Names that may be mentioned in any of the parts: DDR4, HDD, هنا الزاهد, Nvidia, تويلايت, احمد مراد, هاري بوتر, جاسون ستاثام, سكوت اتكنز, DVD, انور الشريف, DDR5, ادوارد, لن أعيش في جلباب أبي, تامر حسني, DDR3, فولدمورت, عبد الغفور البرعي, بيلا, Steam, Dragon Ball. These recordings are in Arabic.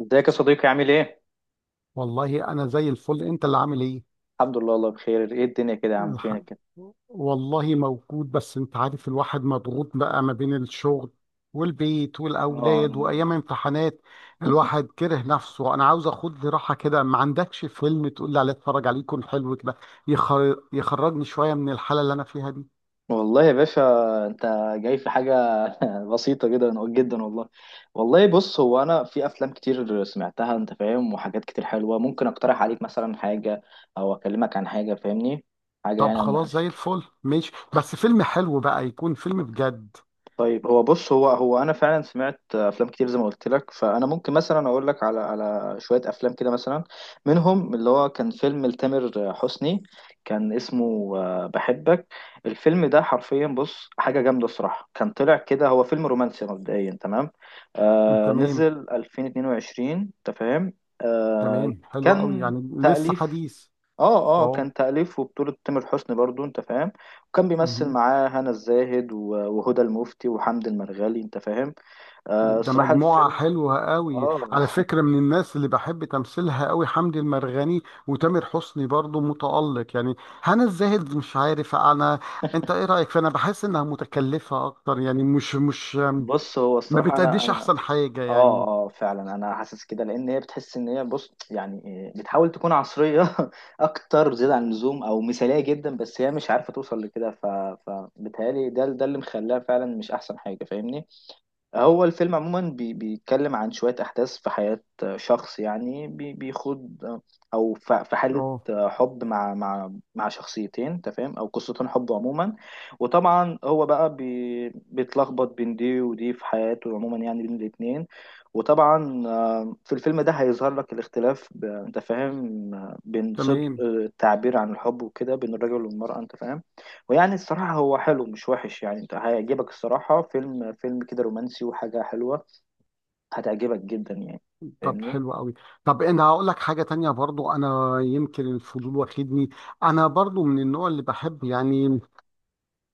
ازيك يا صديقي؟ عامل ايه؟ والله انا زي الفل، انت اللي عامل ايه؟ الحمد لله والله بخير. ايه الدنيا كده يا عم، الح... فينك كده؟ والله موجود، بس انت عارف الواحد مضغوط بقى ما بين الشغل والبيت اه والاولاد وايام امتحانات. الواحد كره نفسه، انا عاوز اخد لي راحه كده. ما عندكش فيلم تقول لي عليه اتفرج عليه يكون حلو كده، يخرجني شويه من الحاله اللي انا فيها دي؟ والله يا باشا، انت جاي في حاجة بسيطة جدا جدا والله. والله بص، هو انا في افلام كتير سمعتها انت فاهم، وحاجات كتير حلوة ممكن اقترح عليك مثلا حاجة او اكلمك عن حاجة، فاهمني؟ حاجة طب يعني. خلاص، زي الفل ماشي، بس فيلم حلو بقى، يكون فيلم بجد. طيب، هو بص هو انا فعلا سمعت افلام كتير زي ما قلت لك، فانا ممكن مثلا اقول لك على شويه افلام كده، مثلا منهم اللي هو كان فيلم لتامر حسني، كان اسمه بحبك. الفيلم ده حرفيا بص حاجه جامده الصراحه، كان طلع كده هو فيلم رومانسي مبدئيا، تمام. آه، تمام. نزل 2022، انت فاهم. آه، تمام، حلو قوي، كان يعني لسه تأليف. حديث. اه كان تأليف وبطولة تامر حسني برضو، انت فاهم. وكان بيمثل اه، معاه هنا الزاهد وهدى المفتي وحمد المرغالي، انت فاهم. آه ده الصراحة مجموعة الفيلم حلوة قوي اه على فكرة، من الناس اللي بحب تمثيلها قوي حمدي المرغني. وتامر حسني برضو متألق يعني. هنا الزاهد، مش عارف انا، انت ايه رأيك؟ فانا بحس انها متكلفة اكتر، يعني مش بص، هو ما الصراحة انا بتأديش انا احسن حاجة اه يعني. اه فعلا انا حاسس كده، لان هي بتحس ان هي بص يعني إيه، بتحاول تكون عصرية اكتر زيادة عن اللزوم، او مثالية جدا، بس هي مش عارفة توصل لكده. فبتهيألي ده اللي مخلاها فعلا مش احسن حاجة، فاهمني. هو الفيلم عموما بيتكلم عن شوية أحداث في حياة شخص، يعني بيخوض أو في حالة اه. حب مع مع شخصيتين، أنت فاهم، أو قصتين حب عموما. وطبعا هو بقى بيتلخبط بين دي ودي في حياته عموما، يعني بين الاتنين. وطبعا في الفيلم ده هيظهر لك الاختلاف أنت فاهم، بين صدق تمام. التعبير عن الحب وكده، بين الرجل والمرأة، أنت فاهم. ويعني الصراحة هو حلو، مش وحش يعني، انت هيعجبك الصراحة. فيلم كده رومانسي وحاجة حلوة، هتعجبك جدا يعني، طب فاهمني. حلو قوي. طب انا هقول لك حاجة تانية برضو، انا يمكن الفضول واخدني. انا برضو من النوع اللي بحب، يعني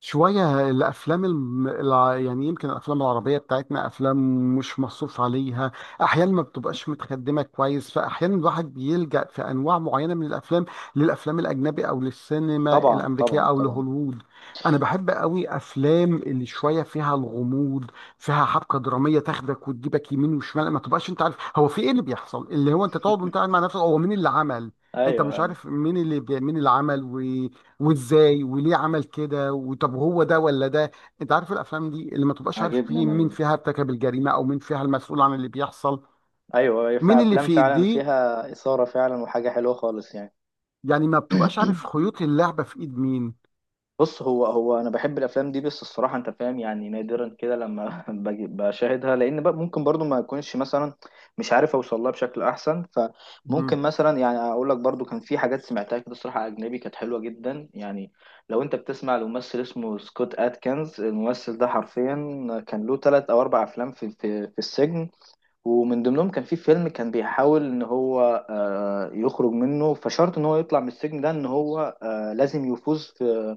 شوية الأفلام يعني يمكن الأفلام العربية بتاعتنا أفلام مش مصروف عليها. أحيانا ما بتبقاش متخدمة كويس، فأحيانا الواحد بيلجأ في أنواع معينة من الأفلام، للأفلام الأجنبي أو للسينما طبعا الأمريكية طبعا أو طبعا. لهوليوود. أنا بحب قوي أفلام اللي شوية فيها الغموض، فيها حبكة درامية تاخدك وتجيبك يمين وشمال. ما تبقاش أنت عارف هو في إيه اللي بيحصل، اللي هو أنت تقعد وأنت قاعد مع نفسك، هو مين اللي عمل. أنت ايوه مش ايوه، عارف مين اللي عمل، وازاي وليه عمل كده، وطب هو ده ولا ده. انت عارف الافلام دي اللي ما تبقاش عارف عاجبني فيه انا مين فيها ارتكب الجريمه، او مين فيها المسؤول عن اللي بيحصل، ايوه، هي في مين اللي افلام في فعلا ايديه. فيها إثارة فعلا وحاجة حلوة خالص يعني. يعني ما بتبقاش عارف خيوط اللعبه في ايد مين. بص، هو انا بحب الافلام دي، بس الصراحه انت فاهم يعني نادرا كده لما باجي بشاهدها، لان بقى ممكن برضو ما اكونش مثلا مش عارف اوصل لها بشكل احسن. مم. فممكن مثلا يعني اقول لك برضو، كان في حاجات سمعتها كده الصراحه اجنبي كانت حلوه جدا يعني. لو انت بتسمع لممثل اسمه سكوت اتكنز، الممثل ده حرفيا كان له ثلاث او اربع افلام في السجن. ومن ضمنهم كان في فيلم كان بيحاول ان هو يخرج منه، فشرط ان هو يطلع من السجن ده ان هو لازم يفوز في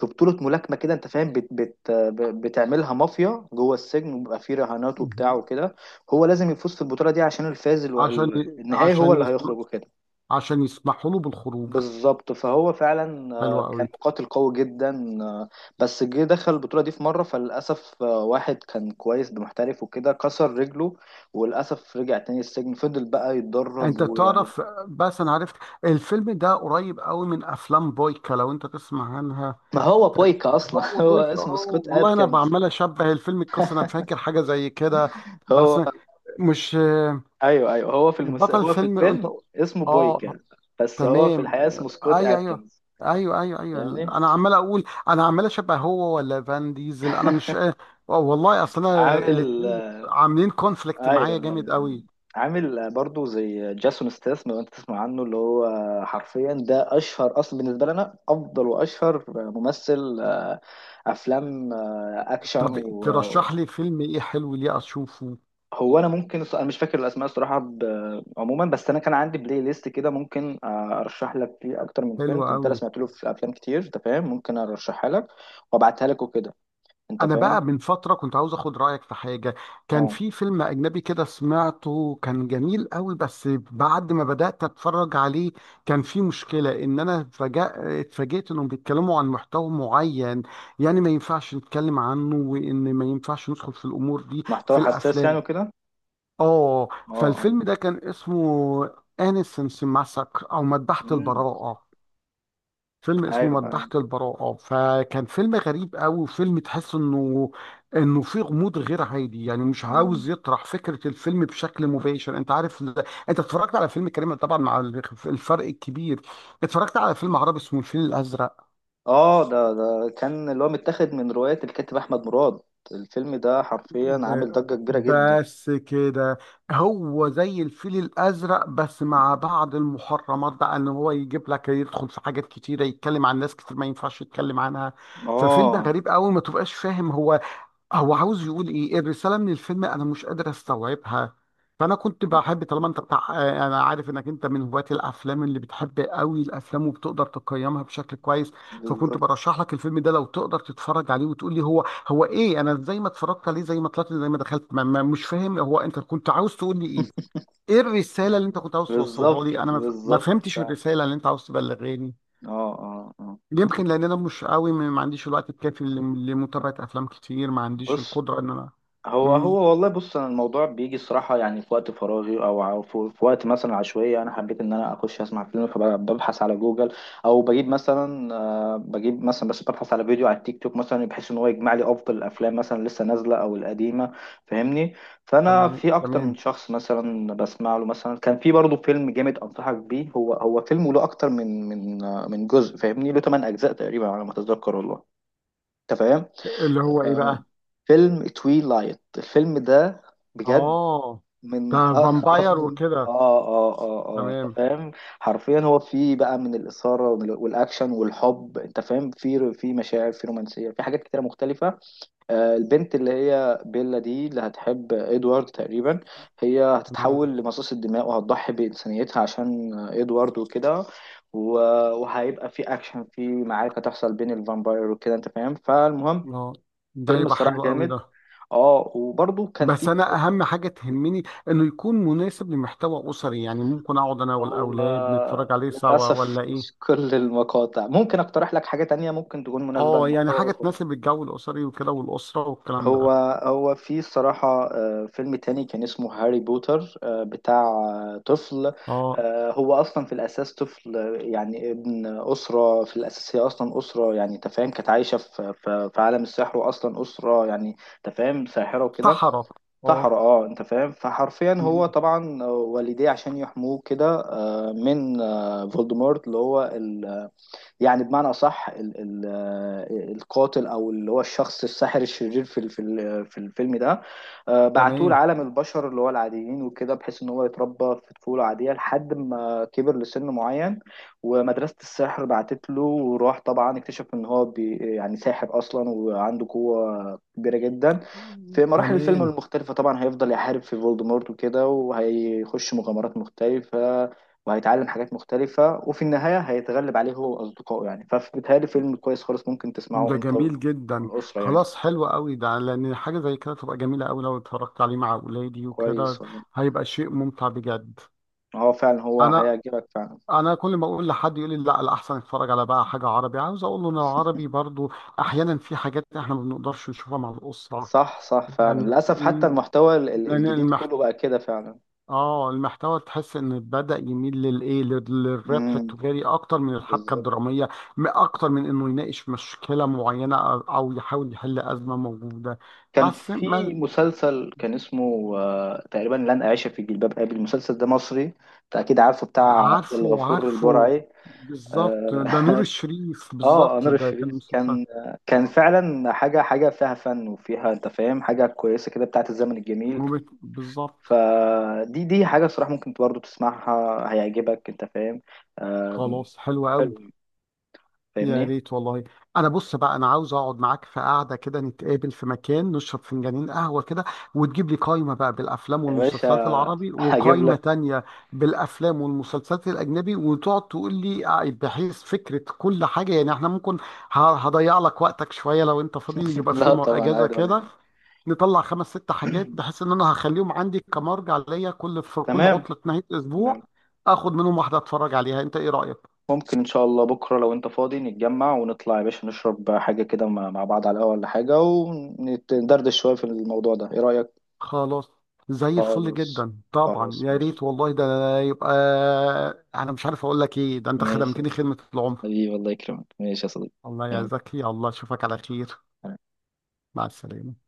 في بطولة ملاكمة كده، انت فاهم. بت بت بتعملها مافيا جوه السجن، وبيبقى فيه رهانات وبتاع مهم. وكده. هو لازم يفوز في البطولة دي عشان عشان ي- النهائي، هو عشان اللي يسم... هيخرج وكده. عشان يسمحوا له بالخروج. بالظبط، فهو فعلا حلو كان قوي. مقاتل قوي جدا، بس جه دخل البطولة دي في مرة، فللأسف واحد كان كويس محترف وكده كسر رجله، وللأسف رجع تاني السجن، فضل بقى يتدرب انت ويعني. تعرف، بس انا عرفت الفيلم ده قريب قوي من افلام بويكا، لو انت تسمع عنها. ما هو بويكا أصلا هو هو بويكا، اسمه اه سكوت والله، انا أدكنز. بعمل اشبه الفيلم، القصه انا فاكر حاجه زي كده، هو بس مش ايوه ايوه، هو بطل هو في فيلم انت. الفيلم اسمه اه. بويكا، بس هو في تمام. الحقيقه اسمه سكوت ايوه، ايوه. اتكنز، ايوه، ايوه، ايوه. فاهمني. انا عمال اقول، انا عمال اشبه هو ولا فان ديزل، انا مش والله. اصل انا عامل الاثنين ايوه. عاملين كونفليكت معايا ايوه جامد أيوة. قوي. عامل برضو زي جاسون ستاثام، لو انت تسمع عنه، اللي هو حرفيا ده اشهر اصلا بالنسبه لنا، افضل واشهر ممثل افلام اكشن طب ترشح لي فيلم ايه حلو ليه اشوفه. هو انا ممكن انا مش فاكر الاسماء الصراحه، عموما بس انا كان عندي بلاي ليست كده، ممكن ارشح لك فيه اكتر من حلو فيلم، كنت قوي. انا سمعت له في افلام كتير انت فاهم، ممكن ارشحها لك وابعتها لك وكده، انت انا فاهم. بقى من فتره كنت عاوز اخد رايك في حاجه. كان اه، في فيلم اجنبي كده سمعته، كان جميل قوي، بس بعد ما بدات اتفرج عليه كان في مشكله ان انا فجأة اتفاجئت انهم بيتكلموا عن محتوى معين، يعني ما ينفعش نتكلم عنه، وان ما ينفعش ندخل في الامور دي في محتوى حساس يعني الافلام. وكده. اه. اه فالفيلم ده كان اسمه انيسنس ماسك، او مذبحه مم. البراءه. فيلم اسمه ايوه مذبحة آه. البراءة، فكان فيلم غريب قوي، وفيلم تحس انه انه فيه غموض غير عادي. يعني مش مم. عاوز يطرح فكرة الفيلم بشكل مباشر. انت عارف انت اتفرجت على فيلم كريم طبعا، مع الفرق الكبير اتفرجت على فيلم عربي اسمه الفيل الازرق. اه، ده كان اللي هو متاخد من روايه الكاتب احمد مراد. الفيلم ده حرفيا ب... عامل ضجه كبيره جدا. بس كده، هو زي الفيل الازرق، بس مع بعض المحرمات بقى، ان هو يجيب لك يدخل في حاجات كتيرة، يتكلم عن ناس كتير ما ينفعش يتكلم عنها. ففيلم اه، غريب قوي، ما تبقاش فاهم هو، هو عاوز يقول ايه الرساله من الفيلم، انا مش قادر استوعبها. فانا كنت بحب، طالما انت بتاع، انا عارف انك انت من هواة الافلام اللي بتحب قوي الافلام وبتقدر تقيمها بشكل كويس، فكنت بالظبط برشح لك الفيلم ده لو تقدر تتفرج عليه وتقول لي هو ايه. انا زي ما اتفرجت عليه، زي ما طلعت، زي ما دخلت، ما مش فاهم هو انت كنت عاوز تقول لي ايه. ايه الرساله اللي انت كنت عاوز توصلها بالظبط لي؟ انا ما بالظبط فهمتش فعلا. الرساله اللي انت عاوز تبلغاني. اه يمكن لان انا مش قوي، ما عنديش الوقت الكافي لمتابعه افلام كتير. ما عنديش بص، القدره ان انا. هو امم. هو والله بص، انا الموضوع بيجي الصراحه يعني في وقت فراغي، او في وقت مثلا عشوائي انا حبيت ان انا اخش اسمع فيلم، فببحث على جوجل. او بجيب مثلا بجيب مثلا بس ببحث على فيديو على التيك توك مثلا، بحيث ان هو يجمع لي افضل الافلام مثلا لسه نازله او القديمه، فاهمني. فانا تمام، في اكتر من تمام. شخص مثلا بسمع له، مثلا كان في برضه فيلم جامد انصحك بيه، هو فيلم له اكتر من جزء، فاهمني، له 8 اجزاء تقريبا على ما اتذكر والله، انت فاهم. اللي هو ايه آه، بقى؟ فيلم تويلايت، الفيلم ده بجد اه، ده من فامباير افضل. وكده. اه انت تمام، فاهم، حرفيا هو فيه بقى من الاثاره والاكشن والحب، انت فاهم، في مشاعر، في رومانسيه، في حاجات كتيره مختلفه. آه البنت اللي هي بيلا دي اللي هتحب ادوارد تقريبا، هي تمام. هتتحول لمصاص الدماء وهتضحي بانسانيتها عشان ادوارد وكده. و- وهيبقى في اكشن، في معركه تحصل بين الفامباير وكده، انت فاهم. فالمهم، اه، ده فيلم يبقى الصراحه حلو قوي جامد. ده. اه وبرضه كان بس في انا فيلم اهم حاجه تهمني انه يكون مناسب لمحتوى اسري، يعني ممكن اقعد انا هو والاولاد نتفرج عليه سوا للأسف ولا مش ايه. كل المقاطع. ممكن أقترح لك حاجة تانية ممكن تكون مناسبة اه، يعني للمحتوى حاجه أصلا. تناسب الجو الاسري وكده، والاسره والكلام هو ده. هو في الصراحة فيلم تاني كان اسمه هاري بوتر، بتاع طفل. اه. هو أصلا في الأساس طفل، يعني ابن أسرة في الأساس، هي أصلا أسرة يعني تفاهم كانت عايشة في عالم السحر، وأصلا أسرة يعني تفاهم ساحرة وكده. صحراء. اه. سحر اه، انت فاهم، فحرفيا هو مم. طبعا والديه عشان يحموه كده من فولدمورت اللي هو يعني بمعنى أصح ال القاتل، أو اللي هو الشخص الساحر الشرير في الفيلم ده، بعتوه تمام. لعالم البشر اللي هو العاديين وكده، بحيث إن هو يتربى في طفولة عادية لحد ما كبر لسن معين. ومدرسة السحر بعتت له وراح، طبعا اكتشف إن هو يعني ساحر أصلا، وعنده قوة كبيرة جدا. مم. في مراحل الفيلم تمام. المختلفة طبعا هيفضل يحارب في فولدمورت وكده، وهيخش مغامرات مختلفة وهيتعلم حاجات مختلفة، وفي النهاية هيتغلب عليه هو وأصدقائه يعني. فبيتهيألي فيلم كويس خالص، ممكن تسمعه ده أنت جميل جدا. والأسرة يعني. خلاص، حلو قوي ده، لان حاجه زي كده تبقى جميله قوي لو اتفرجت عليه مع اولادي كويس وكده. والله، هيبقى شيء ممتع بجد. هو فعلا هو انا هيعجبك فعلا. انا كل ما اقول لحد يقول لي لا، الاحسن اتفرج على بقى حاجه عربي. عاوز اقول له ان العربي برضو احيانا في حاجات احنا ما بنقدرش نشوفها مع الاسره. صح فعلا يعني للأسف، حتى م- المحتوى لان الجديد المحت... كله بقى كده فعلا. اه، المحتوى تحس ان بدأ يميل للايه، للربح امم، التجاري اكتر من الحبكه بالظبط. الدراميه. اكتر من انه يناقش مشكله معينه، او يحاول يحل ازمه موجوده. كان بس في ما. مسلسل كان اسمه تقريبا لن أعيش في جلباب أبي. المسلسل ده مصري أنت أكيد عارفه، بتاع عبد عارفه، الغفور عارفه. البرعي. بالظبط، ده آه، نور الشريف، اه بالظبط، انور ده كان الشريف مسلسل. كان، كان آه، فعلا حاجه، فيها فن وفيها انت فاهم حاجه كويسه كده بتاعت الزمن الجميل. بالظبط. فدي حاجه صراحه ممكن برضه تسمعها هيعجبك، انت فاهم. آه، خلاص، حلو قوي. حلو، يا فاهمني. ريت والله. انا بص بقى، انا عاوز اقعد معاك في قعده كده، نتقابل في مكان نشرب فنجانين قهوه كده، وتجيب لي قائمه بقى بالافلام يا والمسلسلات باشا العربي، هجيب وقائمه لك. تانية بالافلام والمسلسلات الاجنبي، وتقعد تقول لي بحيث فكره كل حاجه. يعني احنا ممكن هضيع لك وقتك شويه، لو انت فاضي يبقى في لا يوم طبعا، اجازه عادي ولا كده، يهمك. نطلع 5 6 حاجات، بحيث ان انا هخليهم عندي كمرجع ليا، في كل تمام عطله نهايه تمام. اسبوع اخد منهم واحده اتفرج عليها. انت ايه رايك؟ ممكن ان شاء الله بكره لو انت فاضي نتجمع ونطلع يا باشا، نشرب حاجه كده مع بعض على القهوه ولا حاجه، وندردش شويه في الموضوع ده، ايه رايك؟ خلاص، زي الفل خلاص جدا طبعا، خلاص، يا ماشي. ريت والله ده. يبقى انا مش عارف اقول لك ايه، ده انت ماشي خدمتني خدمة العمر. حبيبي، الله يكرمك، ماشي يا صديقي. الله يا يلا. زكي، الله، اشوفك على خير. مع السلامة.